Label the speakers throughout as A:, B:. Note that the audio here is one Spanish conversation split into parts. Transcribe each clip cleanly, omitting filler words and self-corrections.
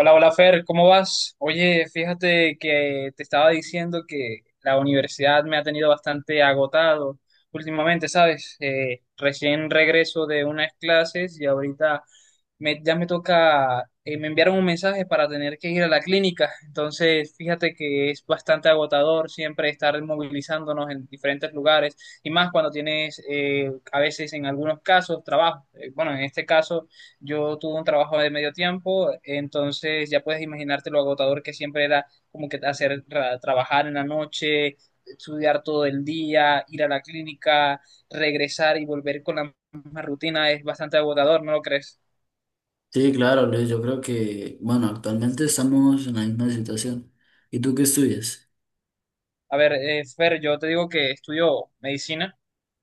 A: Hola, hola Fer, ¿cómo vas? Oye, fíjate que te estaba diciendo que la universidad me ha tenido bastante agotado últimamente, ¿sabes? Recién regreso de unas clases y ahorita ya me toca, me enviaron un mensaje para tener que ir a la clínica, entonces fíjate que es bastante agotador siempre estar movilizándonos en diferentes lugares y más cuando tienes a veces en algunos casos trabajo. Bueno, en este caso yo tuve un trabajo de medio tiempo, entonces ya puedes imaginarte lo agotador que siempre era como que hacer trabajar en la noche, estudiar todo el día, ir a la clínica, regresar y volver con la misma rutina es bastante agotador, ¿no lo crees?
B: Sí, claro, Luis, yo creo que, bueno, actualmente estamos en la misma situación. ¿Y tú qué estudias?
A: A ver, Fer, yo te digo que estudio medicina.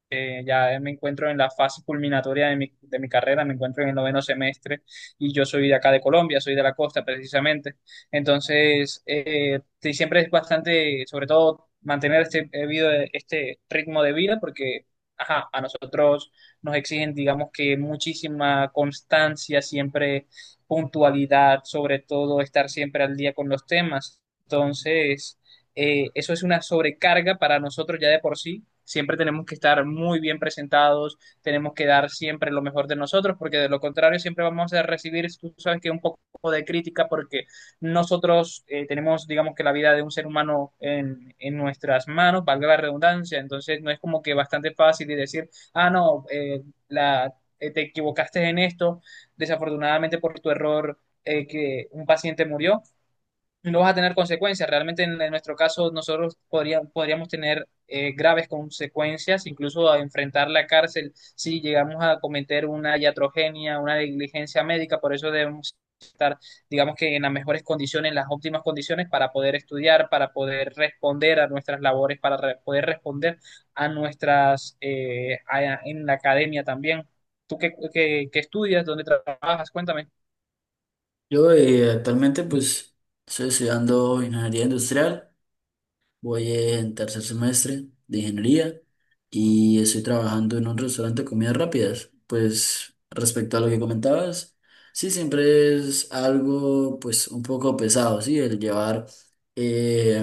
A: Ya me encuentro en la fase culminatoria de mi carrera, me encuentro en el noveno semestre y yo soy de acá de Colombia, soy de la costa precisamente. Entonces, sí, siempre es bastante, sobre todo, mantener este ritmo de vida porque, ajá, a nosotros nos exigen, digamos que muchísima constancia, siempre puntualidad, sobre todo estar siempre al día con los temas. Entonces, eso es una sobrecarga para nosotros ya de por sí. Siempre tenemos que estar muy bien presentados, tenemos que dar siempre lo mejor de nosotros, porque de lo contrario siempre vamos a recibir, tú sabes que un poco de crítica, porque nosotros tenemos, digamos que la vida de un ser humano en nuestras manos, valga la redundancia, entonces no es como que bastante fácil de decir, ah, no, la, te equivocaste en esto, desafortunadamente por tu error que un paciente murió, no vas a tener consecuencias. Realmente en nuestro caso nosotros podríamos tener graves consecuencias, incluso a enfrentar la cárcel si llegamos a cometer una iatrogenia, una negligencia médica. Por eso debemos estar, digamos que en las mejores condiciones, en las óptimas condiciones para poder estudiar, para poder responder a nuestras labores, para poder responder en la academia también. ¿Tú qué estudias? ¿Dónde trabajas? Cuéntame.
B: Yo actualmente pues estoy estudiando ingeniería industrial. Voy en tercer semestre de ingeniería y estoy trabajando en un restaurante de comidas rápidas. Pues respecto a lo que comentabas, sí, siempre es algo pues un poco pesado, sí, el llevar,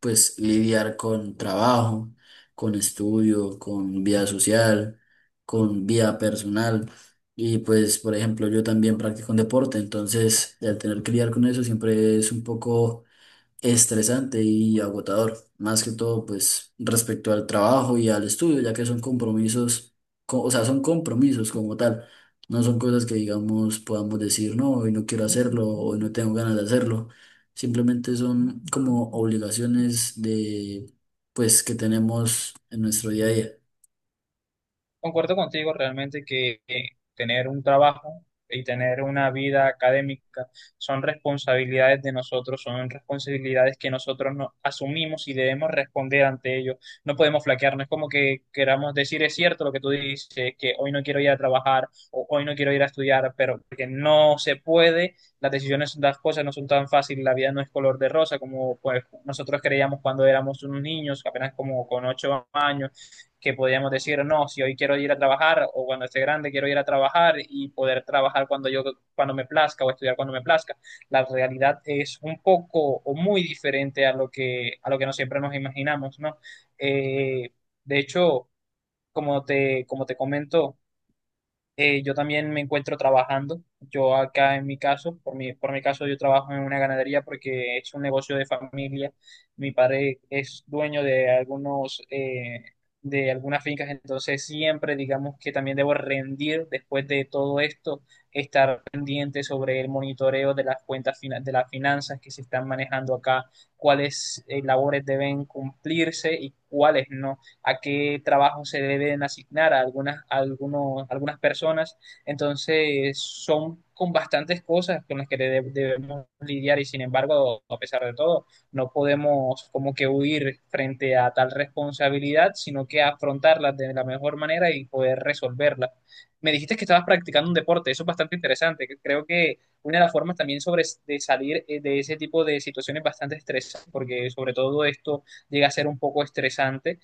B: pues lidiar con trabajo, con estudio, con vida social, con vida personal. Y pues, por ejemplo, yo también practico un deporte, entonces el tener que lidiar con eso siempre es un poco estresante y agotador, más que todo pues respecto al trabajo y al estudio, ya que son compromisos, o sea, son compromisos como tal, no son cosas que digamos podamos decir no, hoy no quiero hacerlo, hoy no tengo ganas de hacerlo, simplemente son como obligaciones de pues que tenemos en nuestro día a día.
A: Concuerdo contigo realmente que tener un trabajo y tener una vida académica son responsabilidades de nosotros, son responsabilidades que nosotros no asumimos y debemos responder ante ello. No podemos flaquear, no es como que queramos decir es cierto lo que tú dices, que hoy no quiero ir a trabajar o hoy no quiero ir a estudiar, pero que no se puede, las decisiones, las cosas no son tan fáciles, la vida no es color de rosa como pues, nosotros creíamos cuando éramos unos niños, apenas como con 8 años que podíamos decir, no, si hoy quiero ir a trabajar o cuando esté grande quiero ir a trabajar y poder trabajar cuando me plazca o estudiar cuando me plazca. La realidad es un poco o muy diferente a lo que no siempre nos imaginamos, ¿no? Eh, de hecho, como te comento, yo también me encuentro trabajando. Yo acá en mi caso, por mi caso, yo trabajo en una ganadería porque es un negocio de familia. Mi padre es dueño de algunas fincas, entonces siempre digamos que también debo rendir después de todo esto, estar pendiente sobre el monitoreo de las cuentas, de las finanzas que se están manejando acá, cuáles, labores deben cumplirse y cuáles no. A qué trabajo se deben asignar a algunas, a algunos, algunas personas. Entonces, son con bastantes cosas con las que debemos lidiar y sin embargo, a pesar de todo, no podemos como que huir frente a tal responsabilidad, sino que afrontarla de la mejor manera y poder resolverla. Me dijiste que estabas practicando un deporte, eso es bastante interesante. Que Creo que una de las formas también de salir de ese tipo de situaciones bastante estresantes, porque sobre todo esto llega a ser un poco estresante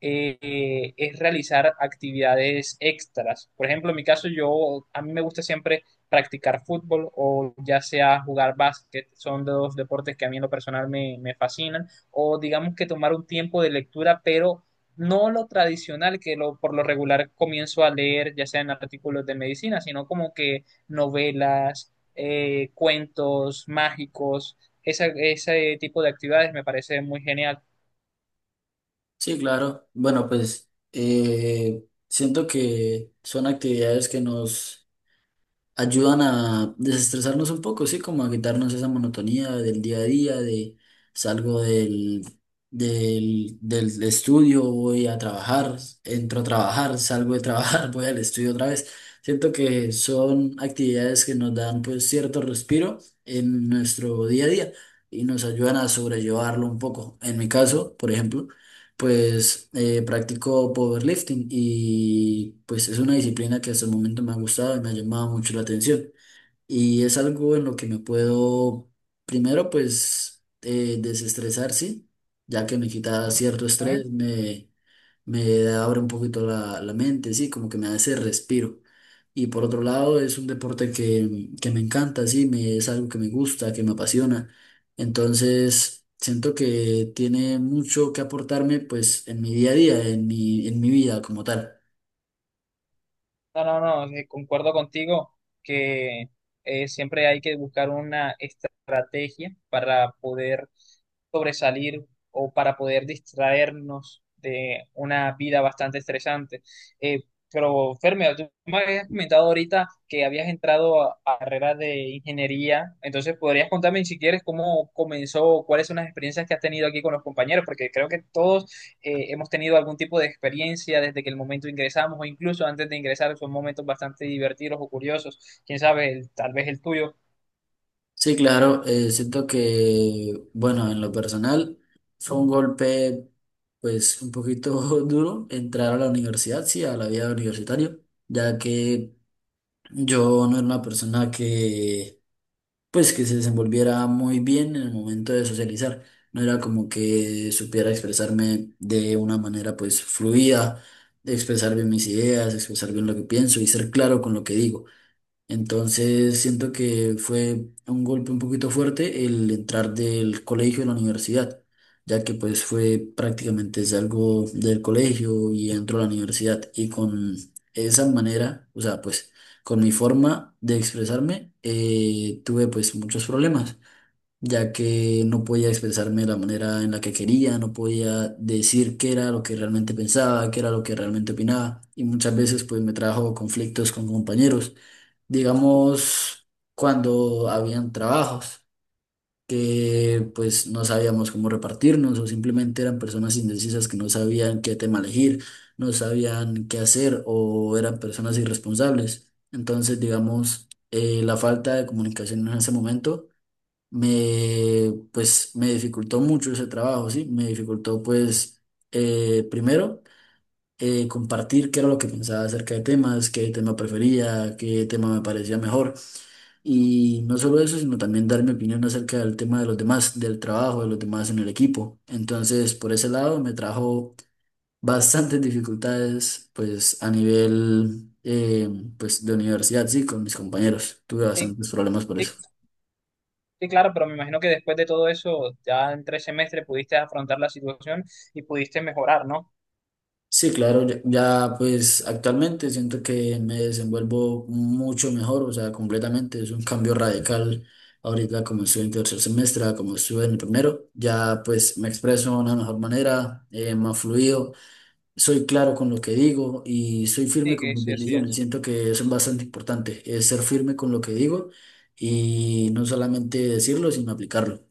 A: es realizar actividades extras. Por ejemplo, en mi caso, yo a mí me gusta siempre practicar fútbol o ya sea jugar básquet, son dos deportes que a mí en lo personal me fascinan, o digamos que tomar un tiempo de lectura, pero no lo tradicional por lo regular comienzo a leer, ya sean artículos de medicina, sino como que novelas, cuentos mágicos, ese tipo de actividades me parece muy genial.
B: Sí, claro, bueno pues siento que son actividades que nos ayudan a desestresarnos un poco, sí, como a quitarnos esa monotonía del día a día, de salgo del, del estudio, voy a trabajar, entro a trabajar, salgo de trabajar, voy al estudio otra vez. Siento que son actividades que nos dan pues cierto respiro en nuestro día a día y nos ayudan a sobrellevarlo un poco. En mi caso, por ejemplo, pues practico powerlifting y pues es una disciplina que hasta el momento me ha gustado y me ha llamado mucho la atención. Y es algo en lo que me puedo, primero pues desestresar, sí, ya que me quita cierto estrés, me abre un poquito la mente, sí, como que me da ese respiro. Y por otro lado, es un deporte que me encanta, sí, es algo que me gusta, que me apasiona. Entonces, siento que tiene mucho que aportarme, pues, en mi día a día, en mi vida como tal.
A: No, no, no, concuerdo contigo que siempre hay que buscar una estrategia para poder sobresalir o para poder distraernos de una vida bastante estresante. Eh, pero, Fermio, tú me habías comentado ahorita que habías entrado a carrera de ingeniería, entonces podrías contarme si quieres cómo comenzó, cuáles son las experiencias que has tenido aquí con los compañeros, porque creo que todos hemos tenido algún tipo de experiencia desde que el momento ingresamos o incluso antes de ingresar son momentos bastante divertidos o curiosos, quién sabe, tal vez el tuyo.
B: Sí, claro, siento que, bueno, en lo personal, fue un golpe, pues, un poquito duro entrar a la universidad, sí, a la vida universitaria, ya que yo no era una persona que, pues, que se desenvolviera muy bien en el momento de socializar. No era como que supiera expresarme de una manera, pues, fluida, expresar bien mis ideas, expresar bien lo que pienso y ser claro con lo que digo. Entonces siento que fue un golpe un poquito fuerte el entrar del colegio a la universidad, ya que pues fue prácticamente salgo del colegio y entro a la universidad y con esa manera, o sea, pues con mi forma de expresarme tuve pues muchos problemas, ya que no podía expresarme de la manera en la que quería, no podía decir qué era lo que realmente pensaba, qué era lo que realmente opinaba y muchas veces pues me trajo conflictos con compañeros digamos, cuando habían trabajos que pues no sabíamos cómo repartirnos o simplemente eran personas indecisas que no sabían qué tema elegir, no sabían qué hacer o eran personas irresponsables. Entonces, digamos, la falta de comunicación en ese momento me pues me dificultó mucho ese trabajo, ¿sí? Me dificultó pues primero compartir qué era lo que pensaba acerca de temas, qué tema prefería, qué tema me parecía mejor. Y no solo eso, sino también dar mi opinión acerca del tema de los demás, del trabajo de los demás en el equipo. Entonces, por ese lado, me trajo bastantes dificultades, pues a nivel, pues de universidad, sí, con mis compañeros. Tuve
A: Sí,
B: bastantes problemas por
A: sí,
B: eso.
A: sí, claro, pero me imagino que después de todo eso, ya en 3 semestres pudiste afrontar la situación y pudiste mejorar, ¿no?
B: Sí, claro, ya, ya, pues actualmente siento que me desenvuelvo mucho mejor, o sea, completamente. Es un cambio radical ahorita como estuve en tercer semestre, a como estuve en el primero. Ya pues me expreso de una mejor manera, más fluido. Soy claro con lo que digo y soy firme
A: Sí,
B: con
A: que
B: mis
A: sí, así
B: decisiones.
A: es.
B: Siento que eso es bastante importante, es ser firme con lo que digo y no solamente decirlo, sino aplicarlo.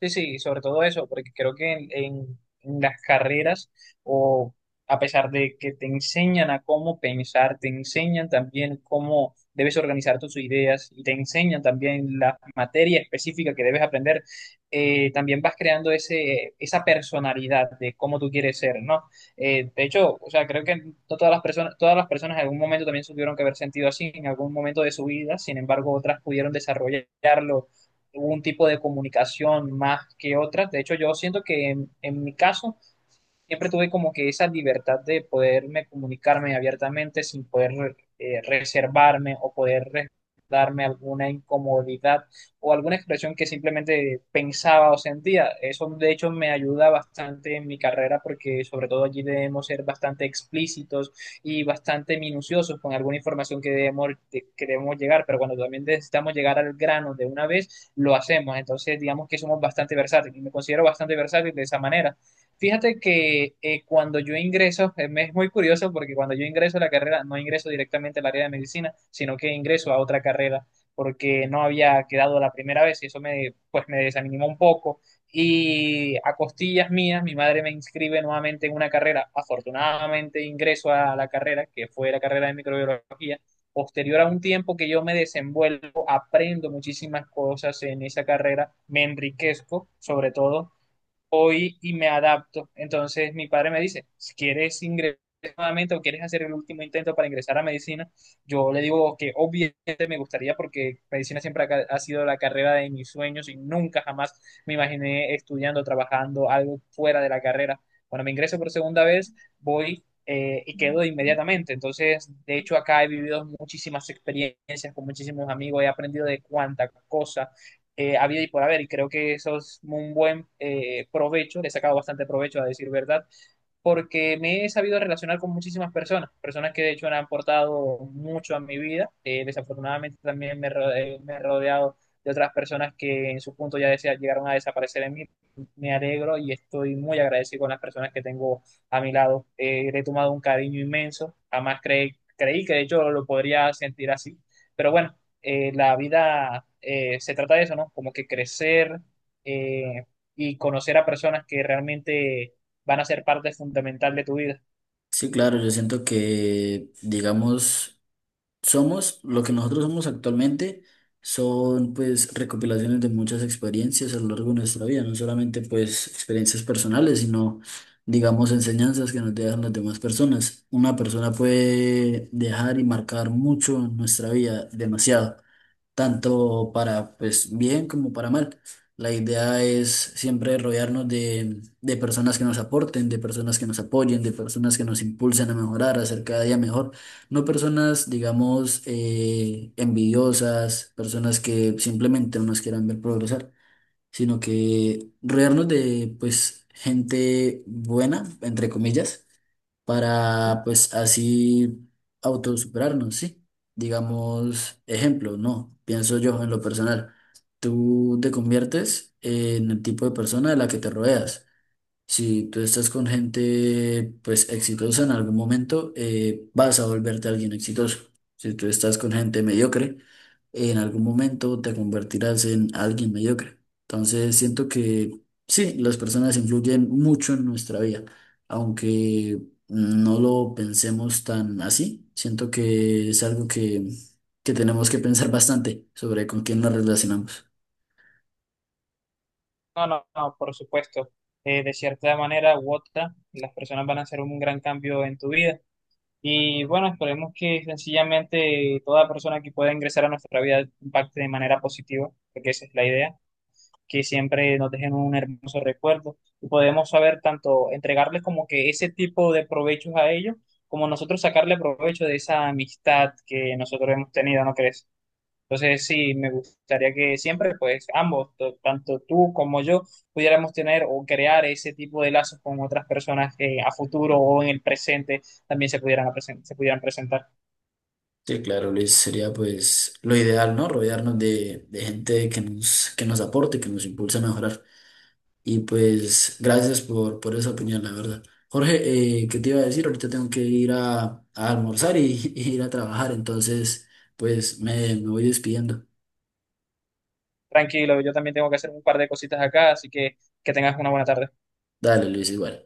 A: Sí, sí, sobre todo eso, porque creo que en las carreras, o a pesar de que te enseñan a cómo pensar, te enseñan también cómo debes organizar tus ideas y te enseñan también la materia específica que debes aprender, también vas creando esa personalidad de cómo tú quieres ser, ¿no? De hecho, o sea, creo que no todas las personas, todas las personas en algún momento también se tuvieron que haber sentido así en algún momento de su vida, sin embargo, otras pudieron desarrollarlo hubo un tipo de comunicación más que otras. De hecho, yo siento que en mi caso siempre tuve como que esa libertad de poderme comunicarme abiertamente sin poder reservarme o poder darme alguna incomodidad o alguna expresión que simplemente pensaba o sentía. Eso de hecho me ayuda bastante en mi carrera porque sobre todo allí debemos ser bastante explícitos y bastante minuciosos con alguna información que debemos llegar, pero cuando también necesitamos llegar al grano de una vez, lo hacemos. Entonces digamos que somos bastante versátiles y me considero bastante versátil de esa manera. Fíjate que cuando yo ingreso, me es muy curioso porque cuando yo ingreso a la carrera, no ingreso directamente al área de medicina, sino que ingreso a otra carrera porque no había quedado la primera vez y pues me desanimó un poco. Y a costillas mías, mi madre me inscribe nuevamente en una carrera. Afortunadamente ingreso a la carrera, que fue la carrera de microbiología. Posterior a un tiempo que yo me desenvuelvo, aprendo muchísimas cosas en esa carrera, me enriquezco sobre todo hoy y me adapto. Entonces mi padre me dice, si quieres ingresar nuevamente o quieres hacer el último intento para ingresar a medicina, yo le digo que obviamente me gustaría porque medicina siempre ha sido la carrera de mis sueños y nunca jamás me imaginé estudiando, trabajando algo fuera de la carrera. Cuando me ingreso por segunda vez, voy y quedo inmediatamente. Entonces, de hecho, acá he vivido muchísimas experiencias con muchísimos amigos, he aprendido de cuánta cosa, había y por haber, y creo que eso es un buen provecho, le he sacado bastante provecho a decir verdad, porque me he sabido relacionar con muchísimas personas, personas que de hecho han aportado mucho a mi vida, desafortunadamente también me he rodeado de otras personas que en su punto ya llegaron a desaparecer en mí, me alegro y estoy muy agradecido con las personas que tengo a mi lado. Le he tomado un cariño inmenso, jamás creí que de hecho lo podría sentir así, pero bueno la vida se trata de eso, ¿no? Como que crecer eh, y conocer a personas que realmente van a ser parte fundamental de tu vida.
B: Sí, claro, yo siento que, digamos, somos, lo que nosotros somos actualmente son pues recopilaciones de muchas experiencias a lo largo de nuestra vida, no solamente pues experiencias personales, sino digamos enseñanzas que nos dejan las demás personas. Una persona puede dejar y marcar mucho en nuestra vida, demasiado, tanto para pues bien como para mal. La idea es siempre rodearnos de personas que nos aporten, de personas que nos apoyen, de personas que nos impulsen a mejorar, a ser cada día mejor. No personas, digamos, envidiosas, personas que simplemente no nos quieran ver progresar, sino que rodearnos de pues gente buena, entre comillas, para pues así autosuperarnos, ¿sí? Digamos, ejemplo, no, pienso yo en lo personal, tú te conviertes en el tipo de persona de la que te rodeas. Si tú estás con gente pues exitosa en algún momento, vas a volverte alguien exitoso. Si tú estás con gente mediocre, en algún momento te convertirás en alguien mediocre. Entonces siento que sí, las personas influyen mucho en nuestra vida, aunque no lo pensemos tan así. Siento que es algo que tenemos que pensar bastante sobre con quién nos relacionamos.
A: No, no, no, por supuesto. De cierta manera u otra, las personas van a hacer un gran cambio en tu vida. Y bueno, esperemos que sencillamente toda persona que pueda ingresar a nuestra vida impacte de manera positiva, porque esa es la idea. Que siempre nos dejen un hermoso recuerdo y podemos saber tanto entregarles como que ese tipo de provechos a ellos, como nosotros sacarle provecho de esa amistad que nosotros hemos tenido, ¿no crees? Entonces sí, me gustaría que siempre, pues ambos, tanto tú como yo, pudiéramos tener o crear ese tipo de lazos con otras personas que a futuro o en el presente también se pudieran presentar.
B: Sí, claro, Luis, sería pues lo ideal, ¿no? Rodearnos de gente que nos aporte, que nos impulse a mejorar. Y pues gracias por esa opinión, la verdad. Jorge, ¿qué te iba a decir? Ahorita tengo que ir a almorzar y, y ir a trabajar, entonces pues me voy despidiendo.
A: Tranquilo, yo también tengo que hacer un par de cositas acá, así que tengas una buena tarde.
B: Dale, Luis, igual.